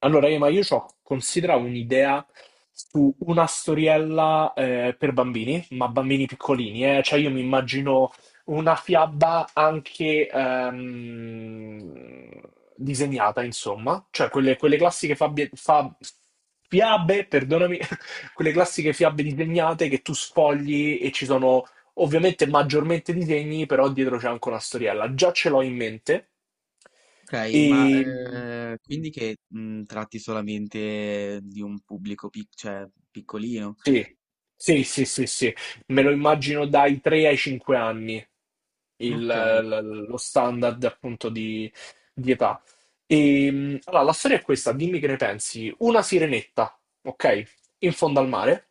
Allora, Ema, io ho considerato un'idea su una storiella per bambini, ma bambini piccolini, eh. Cioè io mi immagino una fiaba anche disegnata, insomma, cioè quelle classiche fiabe, perdonami, quelle classiche fiabe disegnate che tu sfogli e ci sono ovviamente maggiormente disegni, però dietro c'è anche una storiella. Già ce l'ho in mente. Ok, E... ma quindi che tratti solamente di un pubblico cioè, piccolino? Sì, sì, sì, sì, sì. Me lo immagino dai 3 ai 5 anni, Ok, lo standard appunto di età. E, allora, la storia è questa, dimmi che ne pensi. Una sirenetta, ok? In fondo al mare,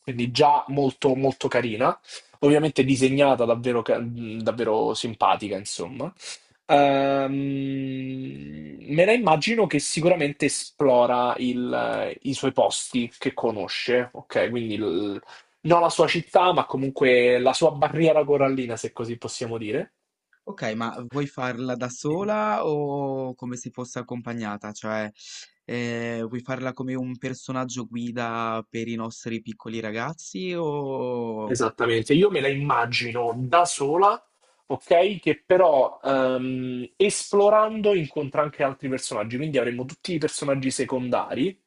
quindi già molto, molto carina, ovviamente disegnata davvero, davvero simpatica, insomma. Me la immagino che sicuramente esplora i suoi posti che conosce, ok? Non la sua città, ma comunque la sua barriera corallina, se così possiamo dire. ok, ma vuoi farla da sola o come se fosse accompagnata? Cioè, vuoi farla come un personaggio guida per i nostri piccoli ragazzi o Esattamente, io me la immagino da sola, ok? Che però esplorando incontra anche altri personaggi, quindi avremo tutti i personaggi secondari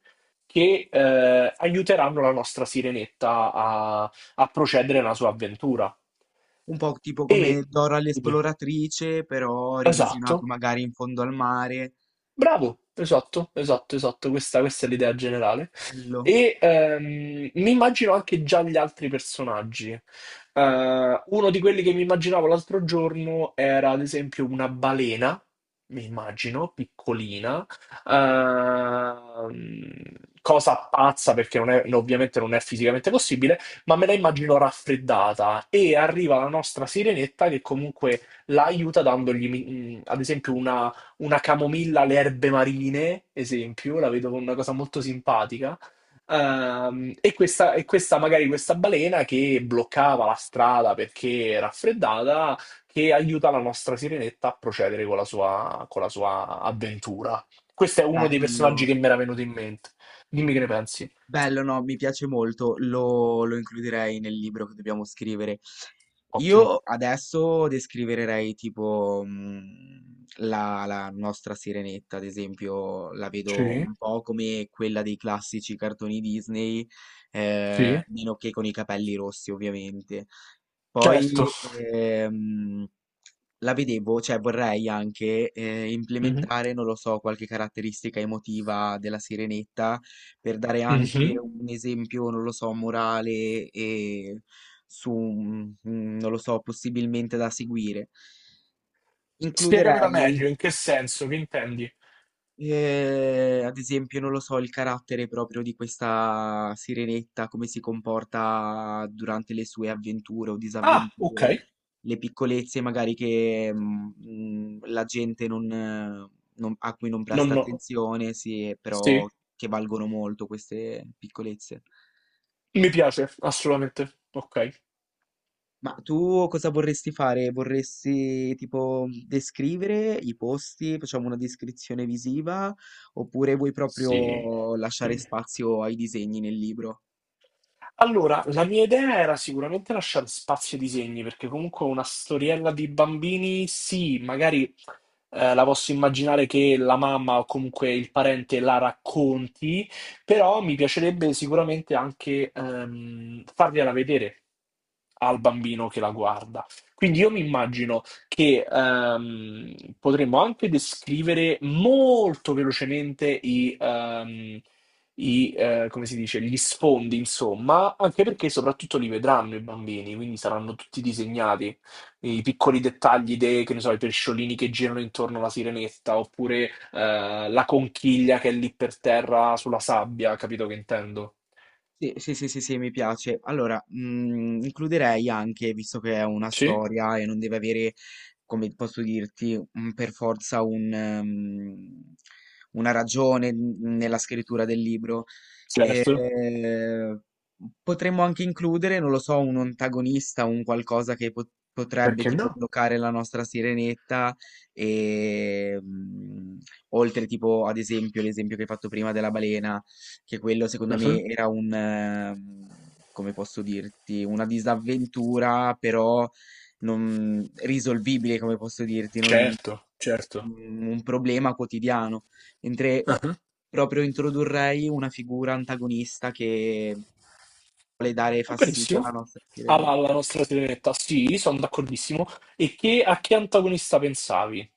che aiuteranno la nostra sirenetta a procedere nella sua avventura. un po' tipo come E Dora dimmi, l'esploratrice, però revisionato esatto. magari in fondo al mare? Bravo, esatto, esatto, esatto, questa è l'idea generale. Bello, E mi immagino anche già gli altri personaggi. Uno di quelli che mi immaginavo l'altro giorno era ad esempio una balena, mi immagino, piccolina, ehm, cosa pazza perché non è- ovviamente non è fisicamente possibile, ma me la immagino raffreddata e arriva la nostra sirenetta che comunque la aiuta dandogli, mm, ad esempio, una camomilla alle erbe marine, esempio, la vedo come una cosa molto simpatica. E questa, magari questa balena che bloccava la strada perché raffreddata, che aiuta la nostra sirenetta a procedere con la sua avventura. Questo è uno dei personaggi bello. che mi era venuto in mente. Dimmi che ne pensi. Bello, no, mi piace molto, lo includerei nel libro che dobbiamo scrivere. Ottimo. Io adesso descriverei tipo la nostra Sirenetta, ad esempio, la vedo Sì, un po' come quella dei classici cartoni Disney, sì. Meno che con i capelli rossi, ovviamente. Certo. Poi la vedevo, cioè vorrei anche Mhm. implementare, non lo so, qualche caratteristica emotiva della Sirenetta per dare anche Mhm. un esempio, non lo so, morale e su, non lo so, possibilmente da seguire. Spiegamela Includerei meglio, in che senso, che intendi? ehm, ad esempio, non lo so, il carattere proprio di questa sirenetta, come si comporta durante le sue avventure o Ah, ok. disavventure, le piccolezze magari che, la gente non, non a cui non Non presta no. attenzione, sì, però Sì, che valgono molto queste piccolezze. mi piace, assolutamente. Ok, Ma tu cosa vorresti fare? Vorresti tipo descrivere i posti, facciamo una descrizione visiva, oppure vuoi sì. proprio lasciare Dimmi. spazio ai disegni nel libro? Allora, la mia idea era sicuramente lasciare spazio ai disegni, perché comunque una storiella di bambini, sì, magari la posso immaginare che la mamma o comunque il parente la racconti, però mi piacerebbe sicuramente anche fargliela vedere al bambino che la guarda. Quindi io mi immagino che potremmo anche descrivere molto velocemente come si dice, gli sfondi, insomma, anche perché soprattutto li vedranno i bambini, quindi saranno tutti disegnati i piccoli dettagli che ne so, i pesciolini che girano intorno alla sirenetta, oppure la conchiglia che è lì per terra sulla sabbia, capito che intendo? Sì, sì, sì, sì, sì, mi piace. Allora, mm, includerei anche, visto che è una Sì, storia e non deve avere, come posso dirti, per forza un, una ragione nella scrittura del libro. E certo. Potremmo anche includere, non lo so, un antagonista, un qualcosa che potrebbe Perché tipo no? bloccare la nostra sirenetta e mm, oltre tipo ad esempio l'esempio che hai fatto prima della balena, che quello secondo Mhm. me era un come posso dirti, una disavventura però non risolvibile, come posso dirti, non un Certo, certo. Problema quotidiano, mentre Mhm. proprio introdurrei una figura antagonista che vuole dare Va fastidio alla benissimo. nostra sirene. Alla nostra sirenetta, sì, sono d'accordissimo. E che, a che antagonista pensavi?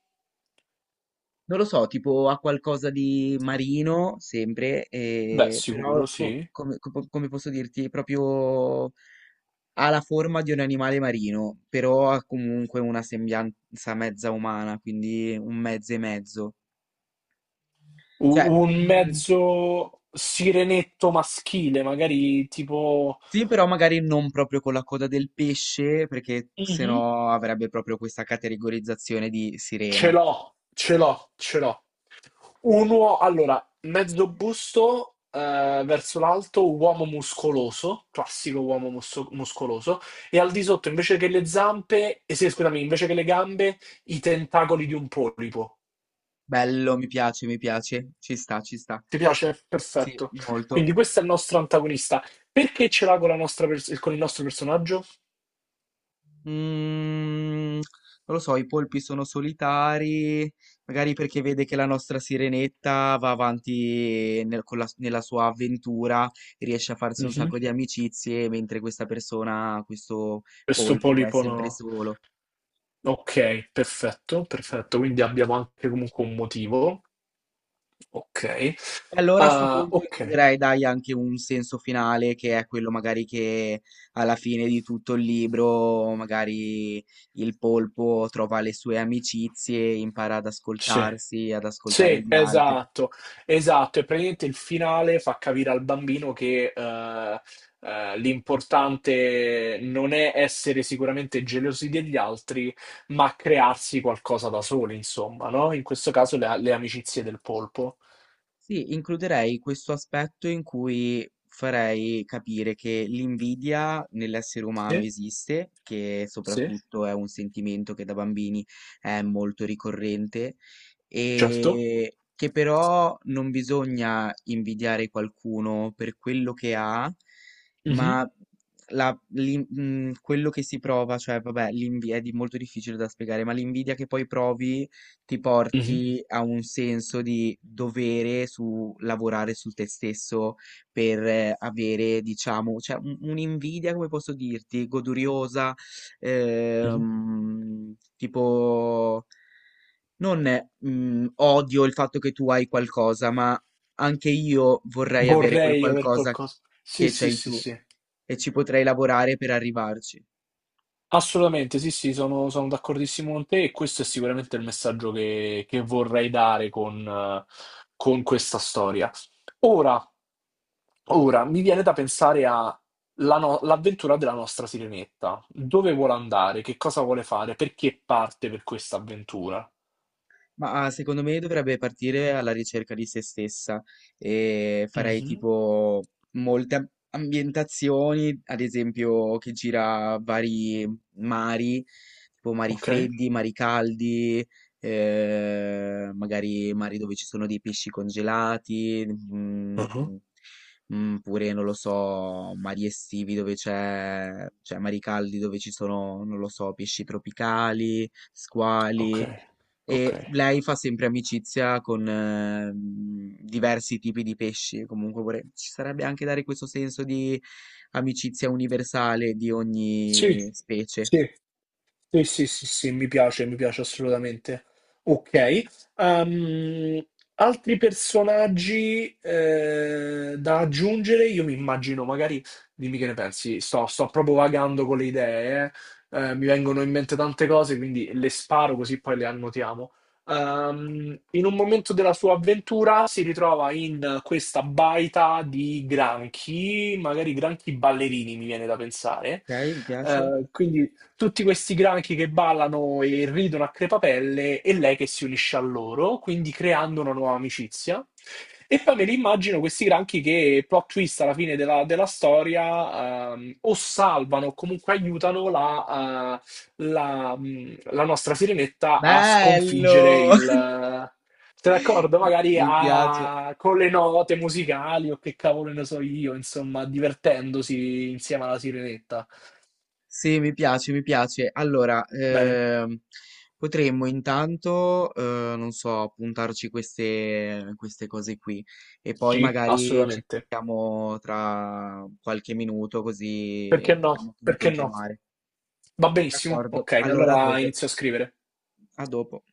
Non lo so, tipo ha qualcosa di marino, sempre, Beh, però sicuro, sì. Come posso dirti, proprio ha la forma di un animale marino, però ha comunque una sembianza mezza umana, quindi un mezzo e mezzo. Cioè, Un mezzo sirenetto maschile, magari tipo... sì, però magari non proprio con la coda del pesce, perché Mhm. sennò avrebbe proprio questa categorizzazione di Ce sirena. l'ho, ce l'ho, ce l'ho. Allora, mezzo busto verso l'alto, uomo muscoloso, classico uomo muscoloso, e al di sotto invece che le zampe, eh sì, scusami, invece che le gambe, i tentacoli di un polipo. Bello, mi piace, mi piace. Ci sta, ci sta. Ti piace? Sì, Perfetto. molto. Quindi questo è il nostro antagonista. Perché ce l'ha con, la nostra con il nostro personaggio? Mm, non lo so, i polpi sono solitari, magari perché vede che la nostra sirenetta va avanti nella sua avventura, riesce a farsi un Mhm. sacco di amicizie, mentre questa persona, questo Questo polpo, è polipo sempre no. solo. Ok, perfetto, perfetto. Quindi abbiamo anche comunque un motivo. Ok. E allora a sto Ah, punto ok. includerei, dai, anche un senso finale che è quello magari che alla fine di tutto il libro, magari il polpo trova le sue amicizie, impara ad Sì, ascoltarsi, ad ascoltare sì, gli altri. esatto, esatto. E praticamente il finale fa capire al bambino che l'importante non è essere sicuramente gelosi degli altri, ma crearsi qualcosa da soli, insomma, no? In questo caso le amicizie del polpo. Sì, includerei questo aspetto in cui farei capire che l'invidia nell'essere umano Sì, esiste, che sì, soprattutto è un sentimento che da bambini è molto ricorrente certo. e che però non bisogna invidiare qualcuno per quello che ha, Mhm, ma quello che si prova, cioè vabbè, molto difficile da spiegare, ma l'invidia che poi provi ti mhm, porti a un senso di dovere su lavorare su te stesso per avere, diciamo, cioè un'invidia, come posso dirti, goduriosa, mhm. Tipo, non mm, odio il fatto che tu hai qualcosa, ma anche io vorrei avere quel Vorrei aver qualcosa qualcosa. Sì, che sì, c'hai sì, tu sì. e ci potrei lavorare per arrivarci. Assolutamente, sì, sì, sono d'accordissimo con te e questo è sicuramente il messaggio che vorrei dare con questa storia. Ora, ora, mi viene da pensare a la no- l'avventura della nostra Sirenetta. Dove vuole andare? Che cosa vuole fare? Perché parte per questa avventura? Ma ah, secondo me dovrebbe partire alla ricerca di se stessa e farei Mhm. tipo molte ambientazioni, ad esempio che gira vari mari, tipo mari Ok. freddi, mari caldi, magari mari dove ci sono dei pesci congelati, mm, Mhm. Pure non lo so, mari estivi dove c'è, cioè mari caldi dove ci sono, non lo so, pesci tropicali, Ok, squali. ok. E lei fa sempre amicizia con diversi tipi di pesci, comunque ci sarebbe anche dare questo senso di amicizia universale di Sì, ogni specie. sì. Sì, sì, sì, sì, mi piace assolutamente. Ok. ehm, Altri personaggi da aggiungere? Io mi immagino, magari, dimmi che ne pensi, sto proprio vagando con le idee, eh. Mi vengono in mente tante cose, quindi le sparo così poi le annotiamo. In un momento della sua avventura si ritrova in questa baita di granchi, magari granchi ballerini, mi viene da pensare. Ok, mi piace. Quindi tutti questi granchi che ballano e ridono a crepapelle e lei che si unisce a loro, quindi creando una nuova amicizia. E poi me li immagino questi granchi che, plot twist alla fine della storia, o salvano o comunque aiutano la nostra sirenetta a sconfiggere Bello! il... Sei d'accordo? Mi Magari mi piace. Con le note musicali o che cavolo ne so io, insomma, divertendosi insieme alla sirenetta. Sì, mi piace, mi piace. Allora, Bene. Potremmo intanto, non so, puntarci queste cose qui e poi Sì, magari ci assolutamente. sentiamo tra qualche minuto così Perché no? vediamo come Perché no? continuare. Va benissimo. D'accordo, Ok, allora a allora dopo, inizio a scrivere. a dopo.